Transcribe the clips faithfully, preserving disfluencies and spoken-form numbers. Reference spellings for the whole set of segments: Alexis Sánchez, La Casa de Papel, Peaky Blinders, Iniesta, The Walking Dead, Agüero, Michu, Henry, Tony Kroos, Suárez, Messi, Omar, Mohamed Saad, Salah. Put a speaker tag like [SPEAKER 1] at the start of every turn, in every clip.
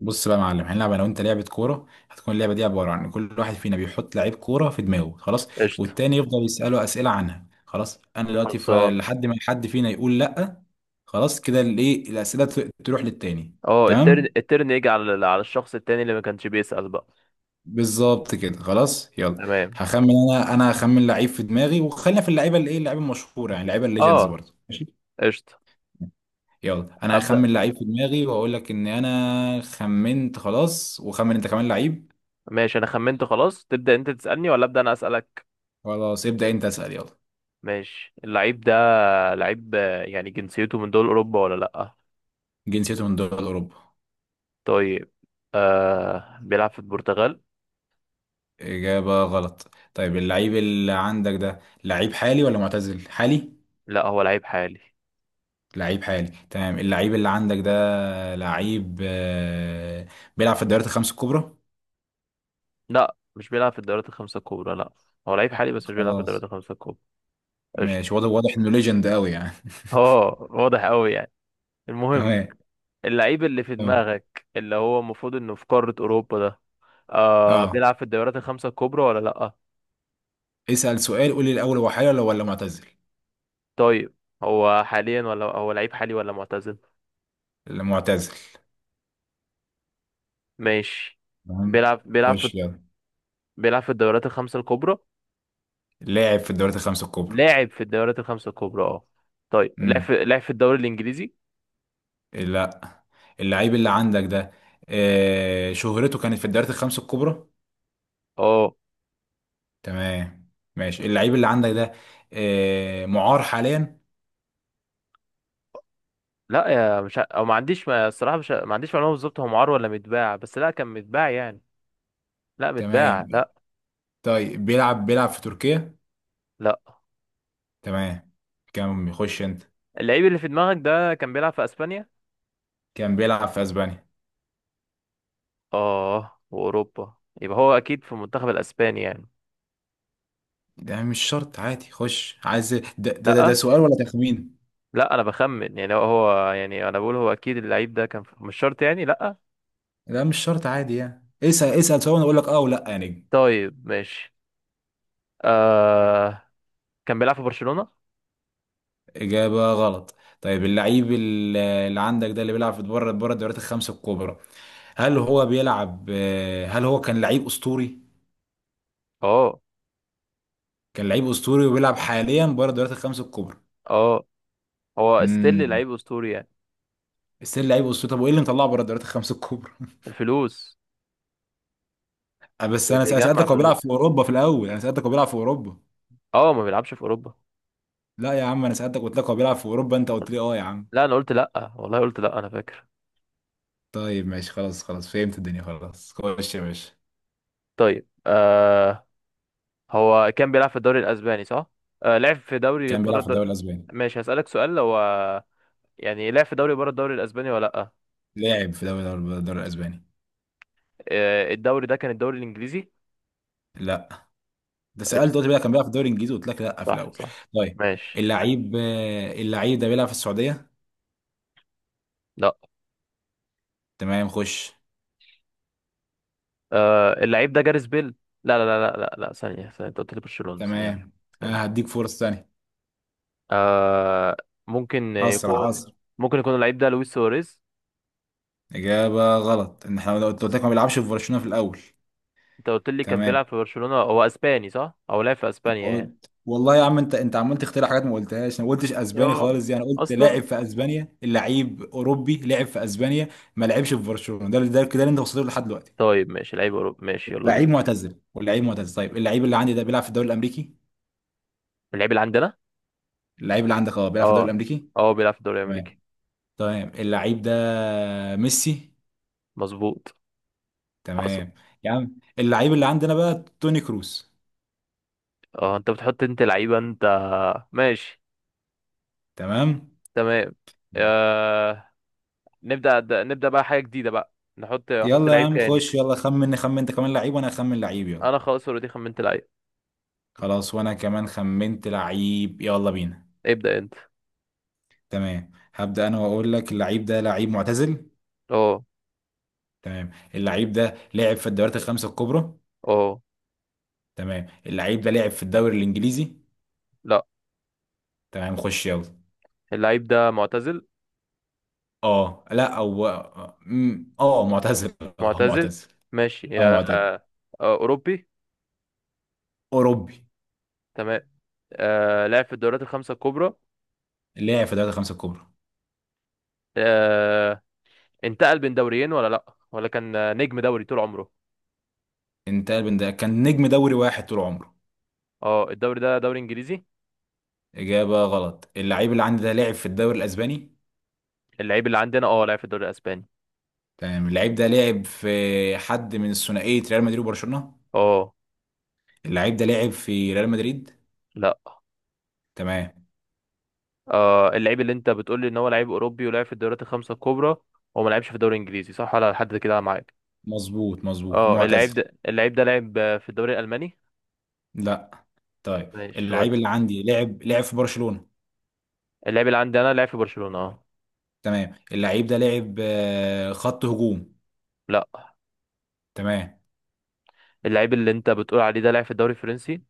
[SPEAKER 1] بص بقى يا معلم، هنلعب انا وانت لعبه كوره. هتكون اللعبه دي عباره عن كل واحد فينا بيحط لعيب كوره في دماغه، خلاص،
[SPEAKER 2] قشطة.
[SPEAKER 1] والتاني يفضل يساله اسئله عنها. خلاص، انا دلوقتي ف-
[SPEAKER 2] خلصان.
[SPEAKER 1] لحد ما حد فينا يقول لا. خلاص كده، الايه، الاسئله ت- تروح للتاني.
[SPEAKER 2] اه الترن
[SPEAKER 1] تمام.
[SPEAKER 2] الترن يجي على على الشخص التاني اللي ما كانش بيسأل بقى.
[SPEAKER 1] بالظبط كده، خلاص يلا.
[SPEAKER 2] تمام.
[SPEAKER 1] هخمن انا، انا هخمن لعيب في دماغي، وخلينا في اللعيبه، الايه، اللعيبه المشهوره يعني، اللعيبه الليجندز
[SPEAKER 2] اه
[SPEAKER 1] برضه، ماشي.
[SPEAKER 2] قشطة.
[SPEAKER 1] يلا انا
[SPEAKER 2] أبدأ.
[SPEAKER 1] هخمن لعيب في دماغي واقول لك ان انا خمنت خلاص، وخمن انت كمان لعيب.
[SPEAKER 2] ماشي، أنا خمنت خلاص. تبدأ أنت تسألني ولا أبدأ أنا أسألك؟
[SPEAKER 1] خلاص، ابدأ انت اسأل يلا.
[SPEAKER 2] ماشي. اللعيب ده لعيب آه، يعني جنسيته من دول أوروبا ولا لأ؟
[SPEAKER 1] جنسيته من دول أوروبا.
[SPEAKER 2] طيب. آه بيلعب في البرتغال؟
[SPEAKER 1] إجابة غلط. طيب اللعيب اللي عندك ده لعيب حالي ولا معتزل؟ حالي.
[SPEAKER 2] لأ هو لعيب حالي.
[SPEAKER 1] لعيب حالي، تمام. اللعيب اللي عندك ده لعيب آه، بيلعب في الدوريات الخمس الكبرى؟
[SPEAKER 2] لأ مش بيلعب في الدوريات الخمسة الكبرى، لأ. هو لعيب حالي بس مش بيلعب في الدوريات
[SPEAKER 1] خلاص.
[SPEAKER 2] الخمسة الكبرى. قشطة.
[SPEAKER 1] ماشي، واضح واضح إنه ليجند قوي يعني.
[SPEAKER 2] اه، واضح أوي يعني. المهم،
[SPEAKER 1] تمام.
[SPEAKER 2] اللعيب اللي في
[SPEAKER 1] تمام.
[SPEAKER 2] دماغك اللي هو المفروض انه في قارة اوروبا ده، آه،
[SPEAKER 1] اه،
[SPEAKER 2] بيلعب في الدوريات الخمسة الكبرى ولا لأ؟
[SPEAKER 1] اسأل سؤال، قول لي الأول هو حالي ولا ولا معتزل؟
[SPEAKER 2] طيب. هو حاليا ولا هو لعيب حالي ولا معتزل؟
[SPEAKER 1] معتزل،
[SPEAKER 2] ماشي.
[SPEAKER 1] تمام.
[SPEAKER 2] بيلعب بيلعب في
[SPEAKER 1] خش يلا.
[SPEAKER 2] بيلعب في الدوريات الخمسة الكبرى.
[SPEAKER 1] لاعب في الدوريات الخمس الكبرى.
[SPEAKER 2] لاعب في الدوريات الخمسة الكبرى، اه. طيب، لعب
[SPEAKER 1] امم
[SPEAKER 2] في لعب في الدوري الانجليزي؟
[SPEAKER 1] لا. اللعيب اللي عندك ده آه، شهرته كانت في الدوريات الخمس الكبرى.
[SPEAKER 2] اه.
[SPEAKER 1] تمام. ماشي، اللعيب اللي عندك ده آه، معار حاليا.
[SPEAKER 2] لا يا، مش ع- او ما عنديش، ما الصراحة مش ع- ما عنديش معلومة بالظبط هو معار ولا متباع، بس لا كان متباع يعني. لا
[SPEAKER 1] تمام.
[SPEAKER 2] متباع، لا
[SPEAKER 1] طيب بيلعب بيلعب في تركيا؟
[SPEAKER 2] لا.
[SPEAKER 1] تمام. كان بيخش انت.
[SPEAKER 2] اللعيب اللي في دماغك ده كان بيلعب في اسبانيا؟
[SPEAKER 1] كان بيلعب في اسبانيا.
[SPEAKER 2] اه، واوروبا. يبقى هو اكيد في المنتخب الاسباني يعني.
[SPEAKER 1] ده مش شرط، عادي، خش عايز. ده ده ده, ده
[SPEAKER 2] لا.
[SPEAKER 1] سؤال ولا تخمين؟
[SPEAKER 2] لا انا بخمن، يعني هو هو- يعني انا بقول هو اكيد اللعيب ده كان في، مش شرط يعني، لا.
[SPEAKER 1] لا مش شرط عادي يعني، اسأل اسأل سؤال وانا اقول لك اه ولا يا نجم.
[SPEAKER 2] طيب ماشي. آه، كان بيلعب في برشلونة؟
[SPEAKER 1] اجابة غلط. طيب اللعيب اللي اللي عندك ده، اللي بيلعب في بره بره الدوريات الخمس الكبرى، هل هو بيلعب آه، هل هو كان لعيب اسطوري؟
[SPEAKER 2] اه.
[SPEAKER 1] كان لعيب اسطوري وبيلعب حاليا بره الدوريات الخمس الكبرى.
[SPEAKER 2] اه، هو ستيل
[SPEAKER 1] امم
[SPEAKER 2] لعيب اسطوري يعني؟
[SPEAKER 1] ستيل لعيب اسطوري، طب وايه اللي مطلعه بره الدوريات الخمس الكبرى؟
[SPEAKER 2] الفلوس.
[SPEAKER 1] آه، بس
[SPEAKER 2] بي-
[SPEAKER 1] انا
[SPEAKER 2] بيجمع
[SPEAKER 1] سالتك هو بيلعب في
[SPEAKER 2] فلوس.
[SPEAKER 1] اوروبا في الاول، انا سالتك هو بيلعب في اوروبا.
[SPEAKER 2] اه، ما بيلعبش في اوروبا.
[SPEAKER 1] لا يا عم، انا سالتك قلت لك هو بيلعب في اوروبا، انت قلت لي اه يا عم.
[SPEAKER 2] لا انا قلت لا، والله قلت لا، انا فاكر.
[SPEAKER 1] طيب ماشي، خلاص خلاص فهمت الدنيا، خلاص خش يا باشا.
[SPEAKER 2] طيب. آه، هو كان بيلعب في الدوري الاسباني صح؟ آه لعب في دوري
[SPEAKER 1] كان
[SPEAKER 2] بره
[SPEAKER 1] بيلعب في
[SPEAKER 2] الد...
[SPEAKER 1] الدوري الاسباني.
[SPEAKER 2] ماشي هسألك سؤال، هو يعني لعب في دوري بره الدوري الاسباني ولا لا؟
[SPEAKER 1] لاعب في دوري الدوري الاسباني.
[SPEAKER 2] آه، الدوري ده كان الدوري الانجليزي؟
[SPEAKER 1] لا. ده
[SPEAKER 2] قشطة.
[SPEAKER 1] سالت قلت لي لا، كان بيلعب في الدوري الانجليزي قلت لك لا في
[SPEAKER 2] صح
[SPEAKER 1] الاول.
[SPEAKER 2] صح.
[SPEAKER 1] طيب،
[SPEAKER 2] ماشي.
[SPEAKER 1] اللعيب آه، اللعيب ده بيلعب في السعوديه؟
[SPEAKER 2] لا.
[SPEAKER 1] تمام خش.
[SPEAKER 2] آه، اللعيب ده جاريث بيل. لا لا لا لا لا لا، ثانية ثانية، انت قلت لي برشلونة. ثانية
[SPEAKER 1] تمام، انا
[SPEAKER 2] ثانية.
[SPEAKER 1] هديك فرصة ثانية.
[SPEAKER 2] آه. ممكن
[SPEAKER 1] اسرع اسرع.
[SPEAKER 2] يكون ممكن يكون اللعيب ده لويس سواريز.
[SPEAKER 1] اجابة غلط، ان احنا قلت قلت لك ما بيلعبش في برشلونة في الاول.
[SPEAKER 2] انت قلت لي كان
[SPEAKER 1] تمام.
[SPEAKER 2] بيلعب في برشلونة، هو اسباني صح، او لعب في اسبانيا يعني.
[SPEAKER 1] قلت والله يا عم، انت انت عمال تخترع حاجات ما قلتهاش، انا ما قلتش اسباني
[SPEAKER 2] يا.
[SPEAKER 1] خالص يعني، قلت
[SPEAKER 2] اصلا.
[SPEAKER 1] لاعب في اسبانيا، لعيب اوروبي لعب في اسبانيا، ما لعبش في برشلونة، ده ده كده اللي انت وصلت له لحد دلوقتي.
[SPEAKER 2] طيب ماشي، لعيب اوروبي، ماشي يلا بينا.
[SPEAKER 1] لعيب معتزل واللعيب معتزل، طيب اللعيب اللي عندي ده بيلعب في الدوري الامريكي؟
[SPEAKER 2] اللعيب اللي عندنا؟
[SPEAKER 1] اللعيب اللي عندك اه بيلعب في الدوري
[SPEAKER 2] اه.
[SPEAKER 1] الامريكي.
[SPEAKER 2] اه بيلعب في الدوري
[SPEAKER 1] تمام.
[SPEAKER 2] الامريكي.
[SPEAKER 1] تمام، اللعيب ده ميسي.
[SPEAKER 2] مظبوط. حصل.
[SPEAKER 1] تمام. يا عم اللعيب اللي عندنا بقى توني كروس.
[SPEAKER 2] اه انت بتحط انت لعيبة انت. ماشي.
[SPEAKER 1] تمام.
[SPEAKER 2] تمام. آه... نبدأ، د- نبدأ بقى حاجة جديدة بقى. نحط احط
[SPEAKER 1] يلا يا
[SPEAKER 2] لعيب
[SPEAKER 1] عم
[SPEAKER 2] تاني.
[SPEAKER 1] خش يلا، خمن خمن انت كمان لعيب وانا اخمن لعيب يلا.
[SPEAKER 2] انا خلاص اوريدي خمنت لعيب.
[SPEAKER 1] خلاص وانا كمان خمنت لعيب، يلا بينا.
[SPEAKER 2] ابدأ انت.
[SPEAKER 1] تمام، هبدأ انا واقول لك اللعيب ده لعيب معتزل.
[SPEAKER 2] اه.
[SPEAKER 1] تمام، اللعيب ده لعب في الدوريات الخمسة الكبرى.
[SPEAKER 2] اه
[SPEAKER 1] تمام، اللعيب ده لعب في الدوري الانجليزي.
[SPEAKER 2] لا
[SPEAKER 1] تمام خش يلا.
[SPEAKER 2] اللعيب ده معتزل.
[SPEAKER 1] اه لا او م- اه معتزل. اه
[SPEAKER 2] معتزل.
[SPEAKER 1] معتزل.
[SPEAKER 2] ماشي.
[SPEAKER 1] اه
[SPEAKER 2] آه...
[SPEAKER 1] معتزل.
[SPEAKER 2] آه... اوروبي.
[SPEAKER 1] اوروبي.
[SPEAKER 2] تمام. آه... لعب في الدوريات الخمسة الكبرى.
[SPEAKER 1] لعب في الدوريات الخمسة الكبرى.
[SPEAKER 2] آه... انتقل بين دوريين ولا لا، ولا كان نجم دوري طول عمره؟
[SPEAKER 1] انتقل من ده، كان نجم دوري واحد طول عمره.
[SPEAKER 2] اه، الدوري ده دوري انجليزي؟
[SPEAKER 1] إجابة غلط. اللعيب اللي عندي ده لعب في الدوري الأسباني.
[SPEAKER 2] اللعيب اللي عندنا، اه، لعب في الدوري الاسباني،
[SPEAKER 1] تمام، اللعيب ده لعب في حد من ثنائية ريال مدريد وبرشلونة.
[SPEAKER 2] اه.
[SPEAKER 1] اللعيب ده لعب في ريال مدريد؟
[SPEAKER 2] لا.
[SPEAKER 1] تمام.
[SPEAKER 2] آه، اللعيب اللي انت بتقول لي ان هو لعيب اوروبي ولعب في الدوريات الخمسه الكبرى، هو ما لعبش في الدوري الانجليزي صح ولا لحد كده معاك؟
[SPEAKER 1] مظبوط مظبوط
[SPEAKER 2] اه، اللعيب
[SPEAKER 1] ومعتزل.
[SPEAKER 2] ده اللعيب ده لعب آه، في الدوري الالماني؟
[SPEAKER 1] لا. طيب
[SPEAKER 2] ماشي. ود.
[SPEAKER 1] اللعيب اللي عندي لعب لعب في برشلونة.
[SPEAKER 2] اللعيب اللي عندي انا لعب في برشلونه، اه.
[SPEAKER 1] تمام، اللعيب ده لعب آه، خط هجوم؟
[SPEAKER 2] لا.
[SPEAKER 1] تمام.
[SPEAKER 2] اللعيب اللي انت بتقول عليه ده لعب في الدوري الفرنسي؟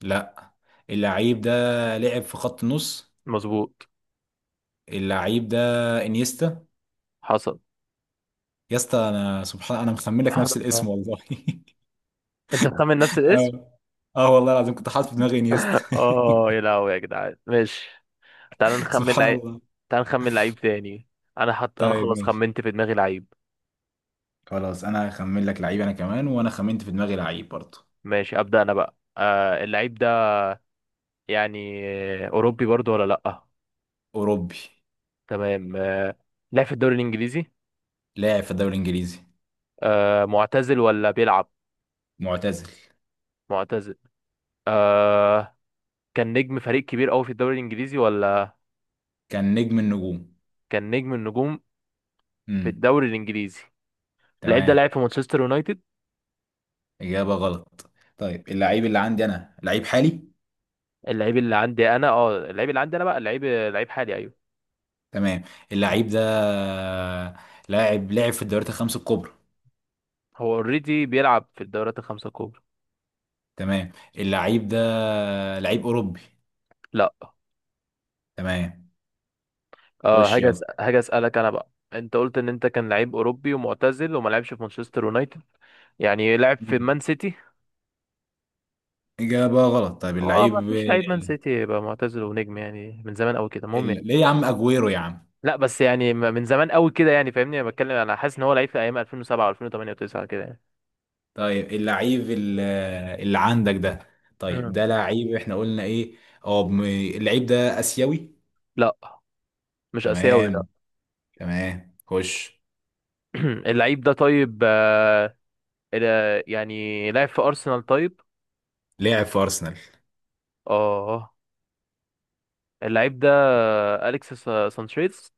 [SPEAKER 1] لا، اللعيب ده لعب في خط النص.
[SPEAKER 2] مظبوط.
[SPEAKER 1] اللعيب ده انيستا.
[SPEAKER 2] حصل.
[SPEAKER 1] يا اسطى انا، سبحان، انا مخمن لك
[SPEAKER 2] سبحان
[SPEAKER 1] نفس
[SPEAKER 2] الله.
[SPEAKER 1] الاسم والله.
[SPEAKER 2] انت مخمن نفس الاسم؟
[SPEAKER 1] اه. اه والله العظيم كنت حاطط في دماغي انيستا.
[SPEAKER 2] اه يا لهوي يا جدعان، ماشي. تعال نخمن
[SPEAKER 1] سبحان
[SPEAKER 2] لعيب
[SPEAKER 1] الله.
[SPEAKER 2] تعال نخمن لعيب تاني. انا حط انا
[SPEAKER 1] طيب
[SPEAKER 2] خلاص
[SPEAKER 1] ماشي،
[SPEAKER 2] خمنت في دماغي لعيب.
[SPEAKER 1] خلاص انا هخمن لك لعيب انا كمان، وانا خمنت في دماغي لعيب برضه.
[SPEAKER 2] ماشي. ابدا انا بقى. آه، اللعيب ده، يعني، أوروبي برضو ولا لأ؟
[SPEAKER 1] اوروبي.
[SPEAKER 2] تمام. آه، لعب في الدوري الإنجليزي؟
[SPEAKER 1] لاعب في الدوري الانجليزي.
[SPEAKER 2] آه، معتزل ولا بيلعب؟
[SPEAKER 1] معتزل.
[SPEAKER 2] معتزل. آه، كان نجم فريق كبير أوي في الدوري الإنجليزي ولا؟
[SPEAKER 1] كان نجم النجوم.
[SPEAKER 2] كان نجم النجوم في
[SPEAKER 1] امم
[SPEAKER 2] الدوري الإنجليزي؟ اللعيب ده
[SPEAKER 1] تمام.
[SPEAKER 2] لعب في مانشستر يونايتد؟
[SPEAKER 1] اجابه غلط. طيب اللعيب اللي عندي انا لعيب حالي.
[SPEAKER 2] اللعيب اللي عندي أنا اه اللعيب اللي عندي أنا بقى، اللعيب لعيب حالي، أيوه.
[SPEAKER 1] تمام،
[SPEAKER 2] مم.
[SPEAKER 1] اللعيب ده لاعب لعب في الدوريات الخمس الكبرى.
[SPEAKER 2] هو اوريدي بيلعب في الدورات الخمسة الكبرى.
[SPEAKER 1] تمام، اللعيب ده لعيب اوروبي.
[SPEAKER 2] لا.
[SPEAKER 1] تمام
[SPEAKER 2] اه،
[SPEAKER 1] خش
[SPEAKER 2] هاجي أس- هاجي اسالك انا بقى، انت قلت ان انت كان لعيب اوروبي ومعتزل وما لعبش في مانشستر يونايتد، يعني لعب في
[SPEAKER 1] يلا.
[SPEAKER 2] مان سيتي؟
[SPEAKER 1] إجابة غلط. طيب
[SPEAKER 2] هو ما
[SPEAKER 1] اللعيب
[SPEAKER 2] فيش لعيب مان
[SPEAKER 1] ال...
[SPEAKER 2] سيتي يبقى معتزل ونجم يعني من زمان قوي كده، المهم يعني.
[SPEAKER 1] ال... ليه يا عم أجويرو يا عم.
[SPEAKER 2] لا بس يعني، م- من زمان قوي كده، يعني فاهمني، انا بتكلم انا حاسس ان هو لعيب في ايام ألفين وسبعة و2008 و9 كده يعني.
[SPEAKER 1] طيب اللعيب ال- اللي عندك ده، طيب
[SPEAKER 2] مم.
[SPEAKER 1] ده لعيب احنا قلنا ايه؟ اه بم- اللعيب ده آسيوي؟
[SPEAKER 2] لا، مش اسيوي، لا.
[SPEAKER 1] تمام. تمام خش.
[SPEAKER 2] اللعيب ده، طيب، آه، ال- يعني لعب في ارسنال طيب؟
[SPEAKER 1] لعب في أرسنال.
[SPEAKER 2] اه. اللعيب ده آه، اليكس سا- سانشيز.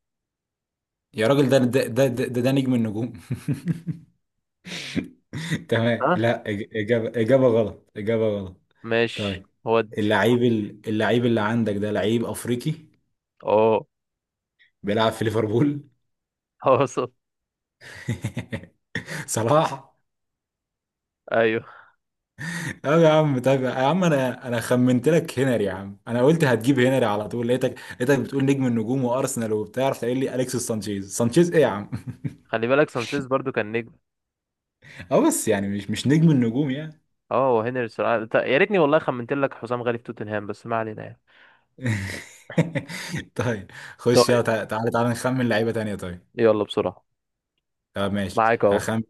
[SPEAKER 1] يا راجل ده ده ده ده, ده, ده نجم النجوم. تمام
[SPEAKER 2] ها.
[SPEAKER 1] لا، إج- إجابة إجابة غلط. إجابة غلط.
[SPEAKER 2] ماشي
[SPEAKER 1] طيب
[SPEAKER 2] ودي.
[SPEAKER 1] اللعيب ال- اللعيب اللي عندك ده لعيب أفريقي،
[SPEAKER 2] اه.
[SPEAKER 1] بيلعب في ليفربول.
[SPEAKER 2] اه صح.
[SPEAKER 1] صلاح.
[SPEAKER 2] ايوه.
[SPEAKER 1] اه يا عم، طيب يا عم انا، انا خمنت لك هنري يا عم، انا قلت هتجيب هنري على طول، لقيتك لقيتك بتقول نجم النجوم وارسنال وبتاع، رحت قايل لي اليكس سانشيز، سانشيز ايه يا عم.
[SPEAKER 2] خلي بالك سانشيز برضو كان نجم.
[SPEAKER 1] اه بس يعني مش مش نجم النجوم يعني.
[SPEAKER 2] اه، وهنري صراحة- يا ريتني والله خمنت لك حسام غالي في توتنهام، بس ما علينا يعني.
[SPEAKER 1] طيب خش يلا،
[SPEAKER 2] طيب.
[SPEAKER 1] تع- تعالى تعالى نخمن لعيبه تانية طيب.
[SPEAKER 2] يلا بسرعة.
[SPEAKER 1] طب ماشي،
[SPEAKER 2] معاك اهو.
[SPEAKER 1] هخمن.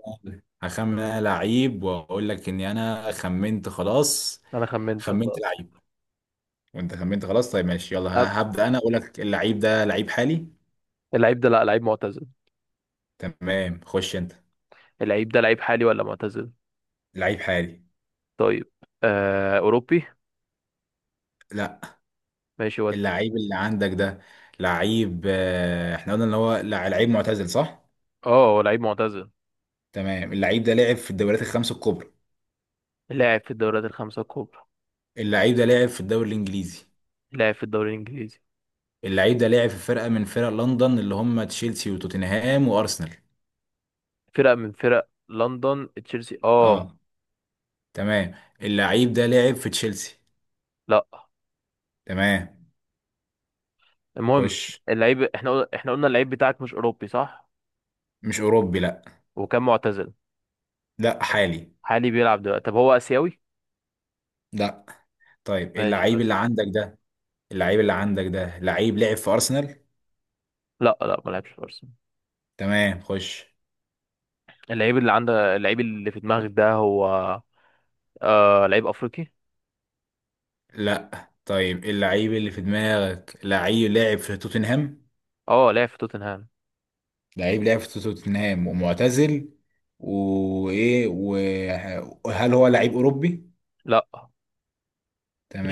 [SPEAKER 1] هخمن انا لعيب واقول لك اني انا خمنت خلاص.
[SPEAKER 2] انا خمنت
[SPEAKER 1] خمنت
[SPEAKER 2] خلاص.
[SPEAKER 1] لعيب، وانت خمنت خلاص، طيب ماشي يلا، ه-
[SPEAKER 2] أب-
[SPEAKER 1] هبدأ انا اقول لك اللعيب ده لعيب حالي.
[SPEAKER 2] اللعيب ده، لا، لعيب معتزل.
[SPEAKER 1] تمام خش انت.
[SPEAKER 2] اللعيب ده لعيب حالي ولا معتزل؟
[SPEAKER 1] لعيب حالي.
[SPEAKER 2] طيب. آه، اوروبي؟
[SPEAKER 1] لا.
[SPEAKER 2] ماشي ودي.
[SPEAKER 1] اللعيب اللي عندك ده لعيب آه، احنا قلنا ان هو لع- لعيب معتزل صح؟
[SPEAKER 2] اه، هو لعيب معتزل.
[SPEAKER 1] تمام، اللعيب ده لعب في الدوريات الخمس الكبرى.
[SPEAKER 2] لاعب في الدوريات الخمسة الكبرى.
[SPEAKER 1] اللعيب ده لعب في الدوري الانجليزي.
[SPEAKER 2] لاعب في الدوري الانجليزي.
[SPEAKER 1] اللعيب ده لعب في فرقة من فرق لندن اللي هم تشيلسي وتوتنهام وارسنال.
[SPEAKER 2] فرقة من فرق لندن، تشيلسي، اه.
[SPEAKER 1] اه. تمام. اللعيب ده لعب في تشيلسي؟
[SPEAKER 2] لا.
[SPEAKER 1] تمام
[SPEAKER 2] المهم.
[SPEAKER 1] خش.
[SPEAKER 2] اللعيب، احنا قلنا احنا قلنا اللعيب بتاعك مش اوروبي صح؟
[SPEAKER 1] مش اوروبي لا.
[SPEAKER 2] وكان معتزل.
[SPEAKER 1] لا حالي.
[SPEAKER 2] حالي بيلعب دلوقتي؟ طب هو اسيوي؟
[SPEAKER 1] لا. طيب
[SPEAKER 2] ماشي
[SPEAKER 1] اللعيب
[SPEAKER 2] ودي.
[SPEAKER 1] اللي عندك ده، اللعيب اللي عندك ده لعيب لعب في ارسنال؟
[SPEAKER 2] لا، لا ما لعبش في ارسنال.
[SPEAKER 1] تمام خش.
[SPEAKER 2] اللعيب اللي عندك اللعيب اللي في دماغك ده، هو، آه، لعيب افريقي؟
[SPEAKER 1] لا. طيب اللعيب اللي في دماغك لعيب لاعب في توتنهام.
[SPEAKER 2] اه لعب في توتنهام.
[SPEAKER 1] لعيب لاعب في توتنهام ومعتزل. وايه، وهل هو لعيب اوروبي؟
[SPEAKER 2] لا.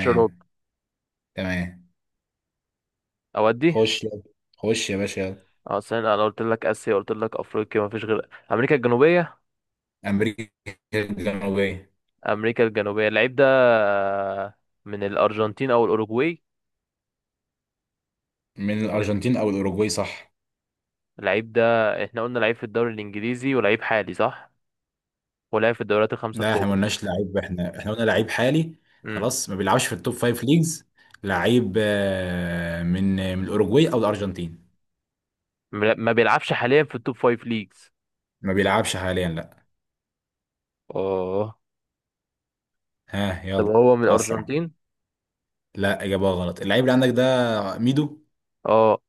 [SPEAKER 2] جيرارد.
[SPEAKER 1] تمام.
[SPEAKER 2] اودي.
[SPEAKER 1] خش يلا. خش يا باشا يلا.
[SPEAKER 2] اه استنى، انا قلت لك اسيا قلت لك افريقيا، ما فيش غير امريكا الجنوبيه.
[SPEAKER 1] امريكا الجنوبيه.
[SPEAKER 2] امريكا الجنوبيه. اللعيب ده آه، من الارجنتين او الاوروجواي.
[SPEAKER 1] من الارجنتين او الاوروجواي صح.
[SPEAKER 2] اللعيب ده، احنا قلنا لعيب في الدوري الانجليزي ولعيب حالي صح، ولعب في الدوريات الخمسه
[SPEAKER 1] لا احنا ما
[SPEAKER 2] الكبرى.
[SPEAKER 1] قلناش لعيب، احنا احنا قلنا لعيب حالي.
[SPEAKER 2] امم.
[SPEAKER 1] خلاص، ما بيلعبش في التوب فايف ليجز. لعيب آه، من من الاوروجواي او الارجنتين.
[SPEAKER 2] ما ما بيلعبش حاليا في التوب فايف ليجز.
[SPEAKER 1] ما بيلعبش حاليا لا.
[SPEAKER 2] اه.
[SPEAKER 1] ها
[SPEAKER 2] طب
[SPEAKER 1] يلا.
[SPEAKER 2] هو من
[SPEAKER 1] اسرع.
[SPEAKER 2] الارجنتين؟
[SPEAKER 1] لا اجابه غلط. اللعيب اللي عندك ده ميدو.
[SPEAKER 2] اه.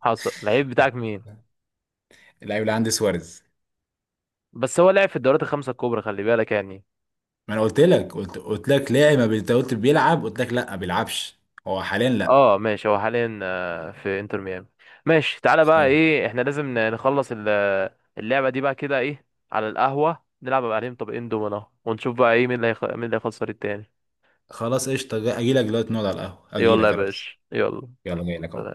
[SPEAKER 2] حصل. اللعيب بتاعك مين؟
[SPEAKER 1] اللعيب اللي عندي سواريز.
[SPEAKER 2] بس هو لعب في الدوريات الخمسه الكبرى خلي بالك يعني.
[SPEAKER 1] ما انا قلت لك، قلت قلت لك لاعب ما بي- انت قلت بيلعب، قلت لك لا ما بيلعبش. هو حاليا لا.
[SPEAKER 2] اه ماشي، هو حاليا آه، في انتر ميامي. ماشي، تعالى بقى، ايه احنا لازم ن- نخلص ال- اللعبة دي بقى كده، ايه، على القهوة نلعب بقى عليهم طبقين دومنا، ونشوف بقى ايه مين اللي هيخ... مين اللي هيخسر التاني.
[SPEAKER 1] خلاص قشطه، اجي لك دلوقتي نقعد على القهوه، اجي
[SPEAKER 2] يلا يا
[SPEAKER 1] لك يا ريس.
[SPEAKER 2] باشا يلا.
[SPEAKER 1] يلا جاي لك اهو.